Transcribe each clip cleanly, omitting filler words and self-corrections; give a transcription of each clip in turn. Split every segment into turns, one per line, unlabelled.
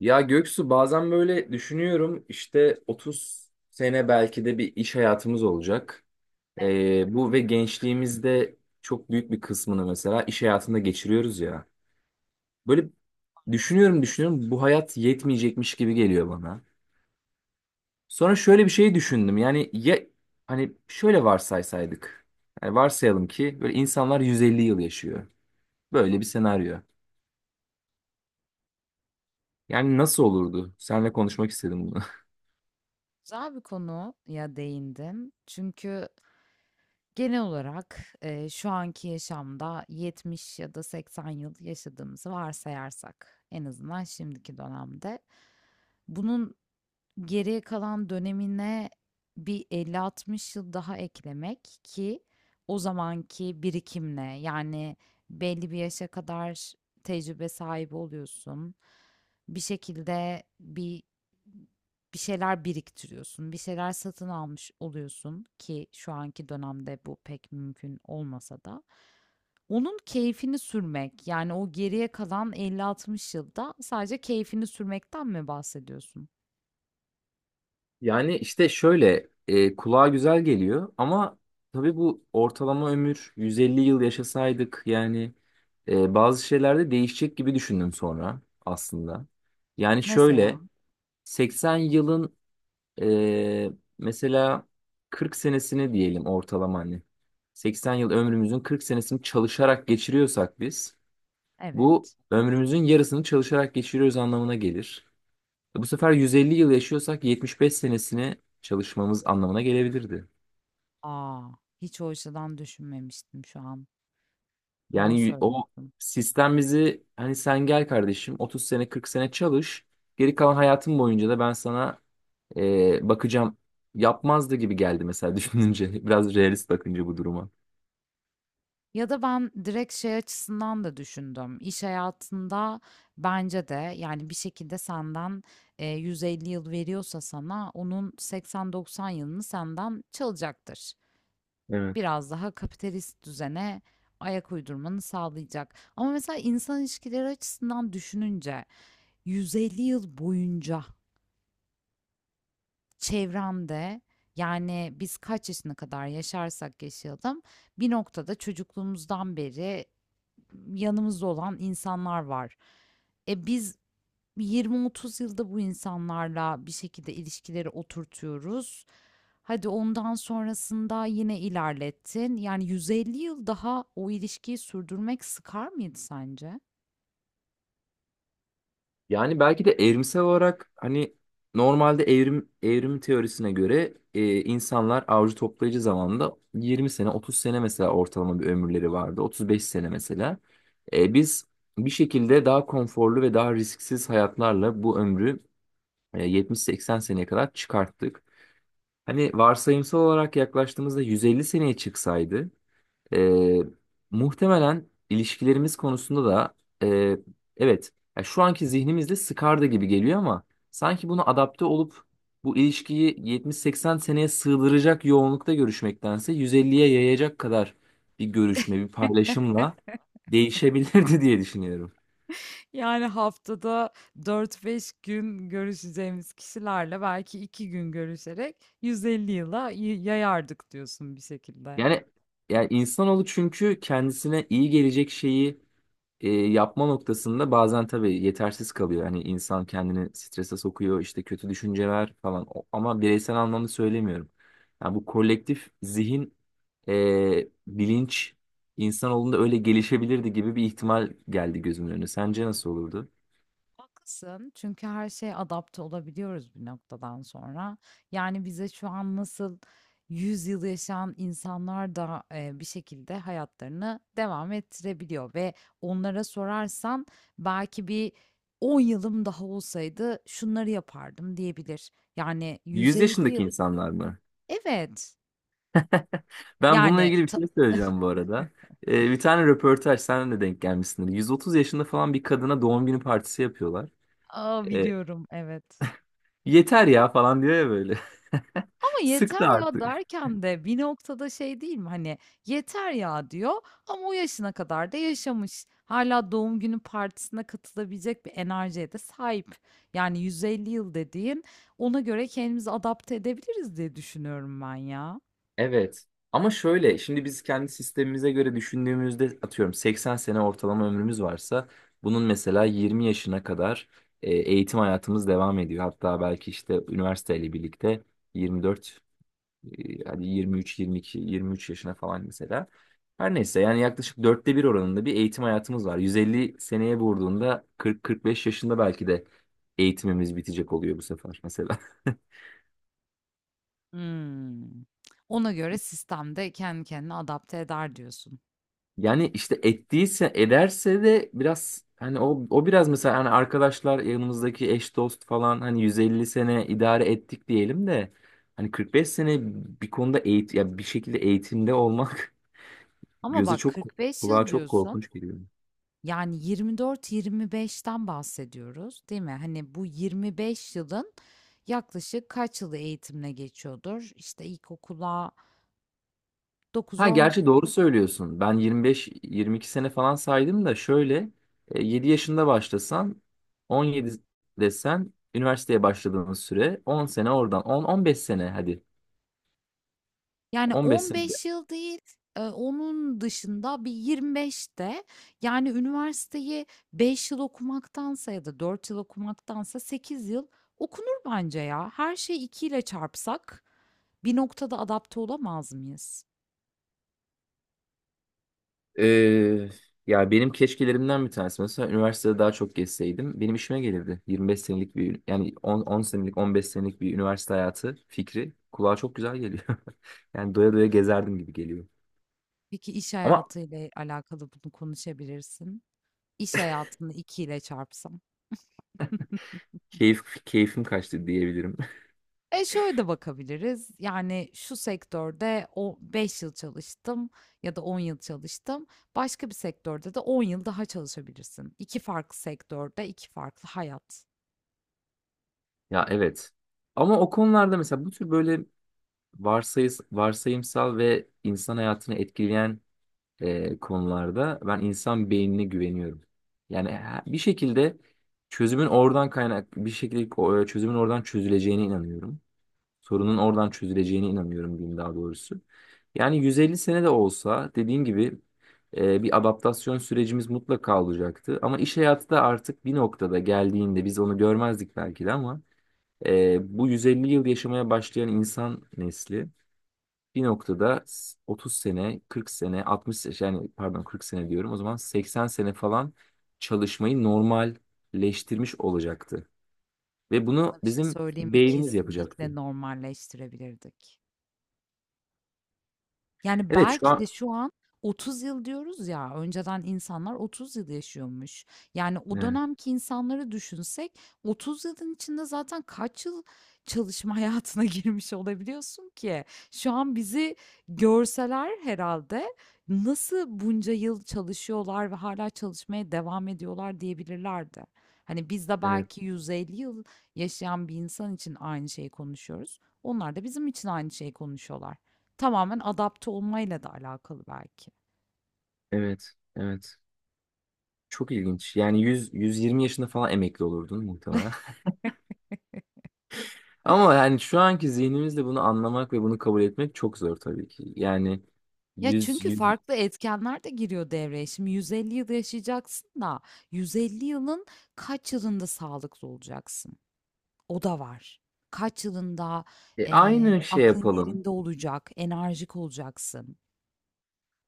Ya Göksu bazen böyle düşünüyorum işte 30 sene belki de bir iş hayatımız olacak.
Evet,
Bu ve gençliğimizde çok büyük bir kısmını mesela iş hayatında geçiriyoruz ya. Böyle
maalesef.
düşünüyorum bu hayat yetmeyecekmiş gibi geliyor bana. Sonra şöyle bir şey düşündüm yani ya hani şöyle varsaysaydık. Yani varsayalım ki böyle insanlar 150 yıl yaşıyor. Böyle bir senaryo. Yani nasıl olurdu? Seninle konuşmak istedim.
Güzel bir konuya değindim. Çünkü genel olarak, şu anki yaşamda 70 ya da 80 yıl yaşadığımızı varsayarsak en azından şimdiki dönemde bunun geriye kalan dönemine bir elli altmış yıl daha eklemek ki o zamanki birikimle yani belli bir yaşa kadar tecrübe sahibi oluyorsun. Bir şekilde bir şeyler biriktiriyorsun, bir şeyler satın almış oluyorsun ki şu anki dönemde bu pek mümkün olmasa da. Onun keyfini sürmek, yani o geriye kalan 50-60 yılda sadece keyfini sürmekten mi bahsediyorsun?
Yani işte şöyle kulağa güzel geliyor ama tabii bu ortalama ömür 150 yıl yaşasaydık yani bazı şeylerde değişecek gibi düşündüm sonra aslında. Yani şöyle
Mesela,
80 yılın e, mesela 40 senesini diyelim ortalama hani 80 yıl ömrümüzün 40 senesini çalışarak geçiriyorsak biz, bu
evet.
ömrümüzün yarısını çalışarak geçiriyoruz anlamına gelir. Bu sefer 150 yıl yaşıyorsak 75 senesini çalışmamız anlamına gelebilirdi.
A! Hiç o açıdan düşünmemiştim şu an. Doğru
O
söylüyorsun.
sistem bizi hani sen gel kardeşim 30 sene 40 sene çalış, geri kalan hayatın boyunca da ben sana bakacağım yapmazdı gibi geldi mesela düşününce, biraz realist bakınca bu duruma.
Ya da ben direkt şey açısından da düşündüm. İş hayatında bence de yani bir şekilde senden, 150 yıl veriyorsa sana onun 80-90 yılını senden çalacaktır.
Evet.
Biraz daha kapitalist düzene ayak uydurmanı sağlayacak. Ama mesela insan ilişkileri açısından düşününce 150 yıl boyunca çevremde, yani biz kaç yaşına kadar yaşarsak yaşayalım bir noktada çocukluğumuzdan beri yanımızda olan insanlar var. E biz 20-30 yılda bu insanlarla bir şekilde ilişkileri oturtuyoruz. Hadi ondan sonrasında yine ilerlettin. Yani 150 yıl daha o ilişkiyi sürdürmek sıkar mıydı sence?
Yani belki de evrimsel olarak hani normalde evrim teorisine göre insanlar avcı toplayıcı zamanında 20 sene 30 sene mesela ortalama bir ömürleri vardı. 35 sene mesela. Biz bir şekilde daha konforlu ve daha risksiz hayatlarla bu ömrü 70-80 seneye kadar çıkarttık. Hani varsayımsal olarak yaklaştığımızda 150 seneye çıksaydı, ee, muhtemelen ilişkilerimiz konusunda da e, evet, ya şu anki zihnimizde sıkardı gibi geliyor ama sanki bunu adapte olup bu ilişkiyi 70-80 seneye sığdıracak yoğunlukta görüşmektense 150'ye yayacak kadar bir görüşme, bir paylaşımla değişebilirdi diye düşünüyorum.
Yani haftada 4-5 gün görüşeceğimiz kişilerle belki 2 gün görüşerek 150 yıla yayardık diyorsun bir şekilde.
Yani yani insanoğlu, çünkü kendisine iyi gelecek şeyi yapma noktasında bazen tabii yetersiz kalıyor. Hani insan kendini strese sokuyor, işte kötü düşünceler falan. Ama bireysel anlamda söylemiyorum. Yani bu kolektif zihin, bilinç insanoğlunda öyle gelişebilirdi gibi bir ihtimal geldi gözümün önüne. Sence nasıl olurdu?
Haklısın, çünkü her şeye adapte olabiliyoruz bir noktadan sonra. Yani bize şu an nasıl 100 yıl yaşayan insanlar da bir şekilde hayatlarını devam ettirebiliyor ve onlara sorarsan belki bir 10 yılım daha olsaydı şunları yapardım diyebilir. Yani
100
150
yaşındaki
yıl.
insanlar mı?
Evet,
Ben bununla
yani
ilgili bir şey söyleyeceğim bu arada. Bir tane röportaj, sen de denk gelmişsindir. 130 yaşında falan bir kadına doğum günü partisi yapıyorlar.
A, biliyorum, evet.
Yeter ya falan diyor ya böyle.
Ama "Yeter
Sıktı
ya!"
artık.
derken de bir noktada şey değil mi, hani, "Yeter ya!" diyor ama o yaşına kadar da yaşamış. Hâlâ doğum günü partisine katılabilecek bir enerjiye de sahip. Yani 150 yıl dediğin, ona göre kendimizi adapte edebiliriz diye düşünüyorum ben ya.
Evet. Ama şöyle, şimdi biz kendi sistemimize göre düşündüğümüzde atıyorum 80 sene ortalama ömrümüz varsa, bunun mesela 20 yaşına kadar eğitim hayatımız devam ediyor. Hatta belki işte üniversiteyle birlikte 24, hadi 23 22 23 yaşına falan mesela. Her neyse, yani yaklaşık dörtte bir oranında bir eğitim hayatımız var. 150 seneye vurduğunda 40-45 yaşında belki de eğitimimiz bitecek oluyor bu sefer mesela.
Hımm. Ona göre sistem de kendi kendine adapte eder diyorsun.
Yani işte ettiyse ederse de, biraz hani o biraz, mesela hani arkadaşlar yanımızdaki eş dost falan, hani 150 sene idare ettik diyelim de, hani 45 sene bir konuda eğit ya, bir şekilde eğitimde olmak
Ama
göze
bak
çok
45
kulağa
yıl
çok
diyorsun.
korkunç geliyor.
Yani 24-25'ten bahsediyoruz, değil mi? Hani bu 25 yılın yaklaşık kaç yılı eğitimle geçiyordur? İşte ilkokula
Ha
9-10,
gerçi doğru söylüyorsun. Ben 25 22 sene falan saydım da şöyle 7 yaşında başlasan 17 desen, üniversiteye başladığın süre 10 sene, oradan 10 15 sene hadi
yani
15 sene.
15 yıl değil, onun dışında bir 25'te yani üniversiteyi 5 yıl okumaktansa ya da 4 yıl okumaktansa 8 yıl okunur bence ya. Her şeyi 2 ile çarpsak bir noktada adapte olamaz mıyız?
Ee, Ya benim keşkelerimden bir tanesi mesela üniversitede daha çok gezseydim benim işime gelirdi. 25 senelik bir, yani 10 senelik, 15 senelik bir üniversite hayatı fikri kulağa çok güzel geliyor. Yani doya doya gezerdim gibi geliyor.
Peki iş
Ama
hayatıyla alakalı bunu konuşabilirsin. İş hayatını 2 ile çarpsam.
keyfim kaçtı diyebilirim.
E şöyle de bakabiliriz. Yani şu sektörde o 5 yıl çalıştım ya da 10 yıl çalıştım. Başka bir sektörde de 10 yıl daha çalışabilirsin. İki farklı sektörde iki farklı hayat.
Ya evet. Ama o konularda mesela bu tür böyle varsayımsal ve insan hayatını etkileyen konularda ben insan beynine güveniyorum. Yani bir şekilde çözümün oradan kaynak bir şekilde ko- çözümün oradan çözüleceğine inanıyorum. Sorunun oradan çözüleceğine inanıyorum diyeyim, daha doğrusu. Yani 150 sene de olsa, dediğim gibi bir adaptasyon sürecimiz mutlaka olacaktı. Ama iş hayatı da artık bir noktada geldiğinde biz onu görmezdik belki de, ama bu 150 yıl yaşamaya başlayan insan nesli bir noktada 30 sene, 40 sene, 60 sene, yani pardon 40 sene diyorum. O zaman 80 sene falan çalışmayı normalleştirmiş olacaktı. Ve bunu
Sana bir şey
bizim
söyleyeyim mi?
beynimiz
Kesinlikle
yapacaktı.
normalleştirebilirdik. Yani,
Evet, şu
belki
an,
de şu an 30 yıl diyoruz ya, önceden insanlar 30 yıl yaşıyormuş. Yani, o
evet,
dönemki insanları düşünsek 30 yılın içinde zaten kaç yıl çalışma hayatına girmiş olabiliyorsun ki? Şu an bizi görseler herhalde nasıl bunca yıl çalışıyorlar ve hala çalışmaya devam ediyorlar diyebilirlerdi. Hani, biz de
evet,
belki 150 yıl yaşayan bir insan için aynı şeyi konuşuyoruz. Onlar da bizim için aynı şeyi konuşuyorlar. Tamamen adapte olmayla da alakalı belki.
evet, evet. Çok ilginç. Yani 100 120 yaşında falan emekli olurdun muhtemelen. Ama yani şu anki zihnimizle bunu anlamak ve bunu kabul etmek çok zor tabii ki. Yani
Ya,
100
çünkü
100
farklı etkenler de giriyor devreye. Şimdi 150 yıl yaşayacaksın da 150 yılın kaç yılında sağlıklı olacaksın? O da var. Kaç yılında,
Aynı şey
aklın
yapalım.
yerinde olacak, enerjik olacaksın?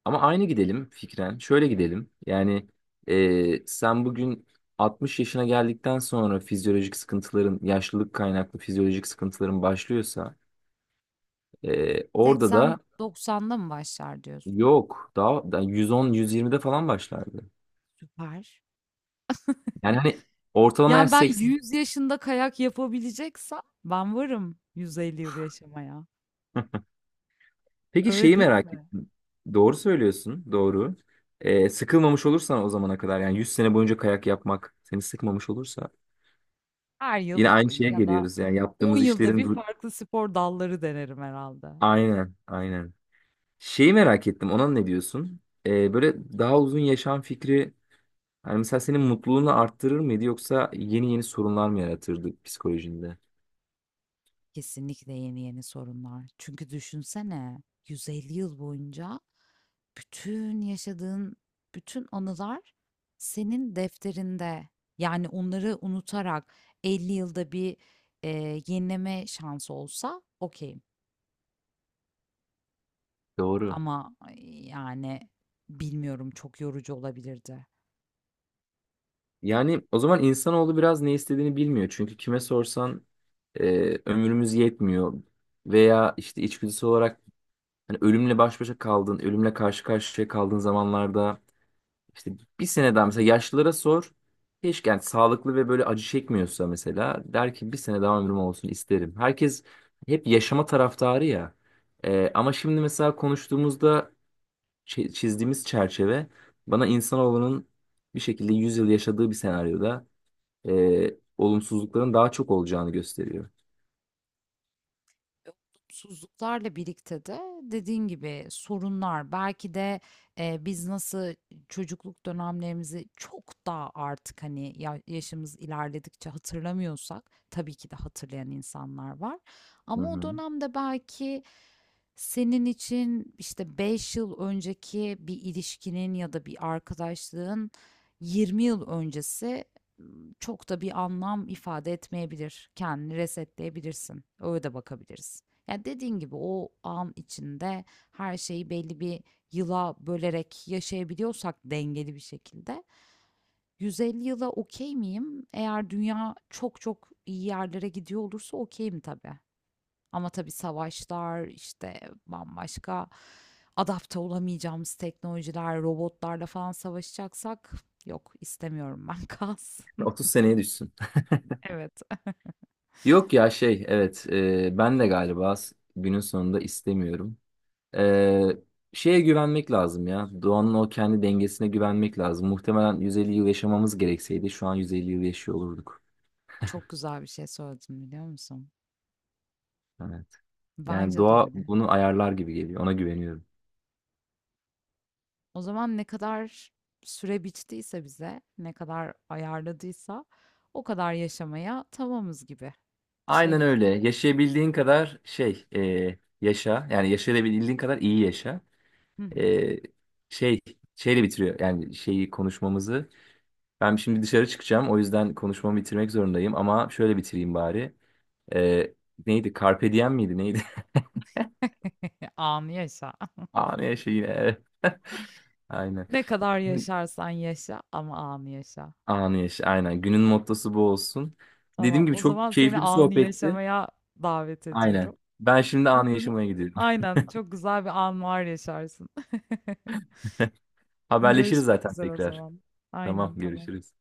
Ama aynı gidelim fikren. Şöyle gidelim. Yani sen bugün 60 yaşına geldikten sonra fizyolojik sıkıntıların, yaşlılık kaynaklı fizyolojik sıkıntıların başlıyorsa orada da
80-90'da mı başlar diyorsun?
yok. Daha 110-120'de falan başlardı.
Süper.
Yani hani ortalama
Yani,
yaş
ben
80.
100 yaşında kayak yapabileceksem ben varım 150 yıl yaşamaya.
Peki
Öyle
şeyi
değil
merak
mi?
ettim. Doğru söylüyorsun. Doğru. Sıkılmamış olursan o zamana kadar, yani 100 sene boyunca kayak yapmak seni sıkmamış olursa,
Her yıl
yine aynı şeye
ya da
geliyoruz. Yani
10
yaptığımız
yılda
işlerin
bir farklı spor dalları denerim herhalde.
aynen, aynen. Şeyi merak ettim. Ona ne diyorsun? Böyle daha uzun yaşam fikri hani mesela senin mutluluğunu arttırır mıydı, yoksa yeni yeni sorunlar mı yaratırdı psikolojinde?
Kesinlikle yeni yeni sorunlar. Çünkü düşünsene 150 yıl boyunca bütün yaşadığın bütün anılar senin defterinde. Yani onları unutarak 50 yılda bir yenileme şansı olsa okey.
Doğru.
Ama yani bilmiyorum, çok yorucu olabilirdi.
Yani o zaman insanoğlu biraz ne istediğini bilmiyor. Çünkü kime sorsan e, ömrümüz yetmiyor veya işte içgüdüsel olarak hani ölümle baş başa kaldın, ölümle karşı karşıya kaldığın zamanlarda İşte bir sene daha, mesela yaşlılara sor. Keşke, yani sağlıklı ve böyle acı çekmiyorsa mesela, der ki bir sene daha ömrüm olsun isterim. Herkes hep yaşama taraftarı ya. Ama şimdi mesela konuştuğumuzda çizdiğimiz çerçeve bana insanoğlunun bir şekilde 100 yıl yaşadığı bir senaryoda e, olumsuzlukların daha çok olacağını gösteriyor.
Olumsuzluklarla birlikte de dediğin gibi sorunlar belki de biz nasıl çocukluk dönemlerimizi çok daha artık hani yaşımız ilerledikçe hatırlamıyorsak tabii ki de hatırlayan insanlar var
Hı
ama o
hı.
dönemde belki senin için işte 5 yıl önceki bir ilişkinin ya da bir arkadaşlığın 20 yıl öncesi m, çok da bir anlam ifade etmeyebilir. Kendini resetleyebilirsin. Öyle de bakabiliriz. Yani dediğin gibi o an içinde her şeyi belli bir yıla bölerek yaşayabiliyorsak dengeli bir şekilde 150 yıla okey miyim? Eğer dünya çok çok iyi yerlere gidiyor olursa okeyim tabii. Ama tabii savaşlar, işte bambaşka adapte olamayacağımız teknolojiler, robotlarla falan savaşacaksak yok istemiyorum ben kalsın.
30 seneye düşsün.
Evet.
Yok ya, şey, evet, ben de galiba günün sonunda istemiyorum. Ee, Şeye güvenmek lazım ya. Doğanın o kendi dengesine güvenmek lazım. Muhtemelen 150 yıl yaşamamız gerekseydi, şu an 150 yıl yaşıyor olurduk.
Çok güzel bir şey söyledin biliyor musun?
Evet. Yani
Bence de
doğa
öyle.
bunu ayarlar gibi geliyor. Ona güveniyorum.
O zaman ne kadar süre biçtiyse bize, ne kadar ayarladıysa o kadar yaşamaya tamamız gibi bir şey
Aynen
mi?
öyle. Yaşayabildiğin kadar yaşa. Yani yaşayabildiğin kadar iyi yaşa.
Hı hı.
E, şey Şeyle bitiriyor. Yani şeyi, konuşmamızı. Ben şimdi dışarı çıkacağım. O yüzden konuşmamı bitirmek zorundayım. Ama şöyle bitireyim bari. E, Neydi? Carpe diem miydi? Neydi?
Anı yaşa.
Anı yaşa yine. Aynen.
Ne kadar yaşarsan yaşa ama anı yaşa.
Anı yaşa. Aynen. Günün mottosu bu olsun. Dediğim
Tamam,
gibi,
o zaman
çok keyifli
seni
bir
anı
sohbetti.
yaşamaya davet
Aynen.
ediyorum.
Ben şimdi anı
Umarım.
yaşamaya gidiyorum.
Aynen, çok güzel bir an var yaşarsın.
Haberleşiriz
Görüşmek
zaten
üzere o
tekrar.
zaman.
Tamam,
Aynen, tamam.
görüşürüz.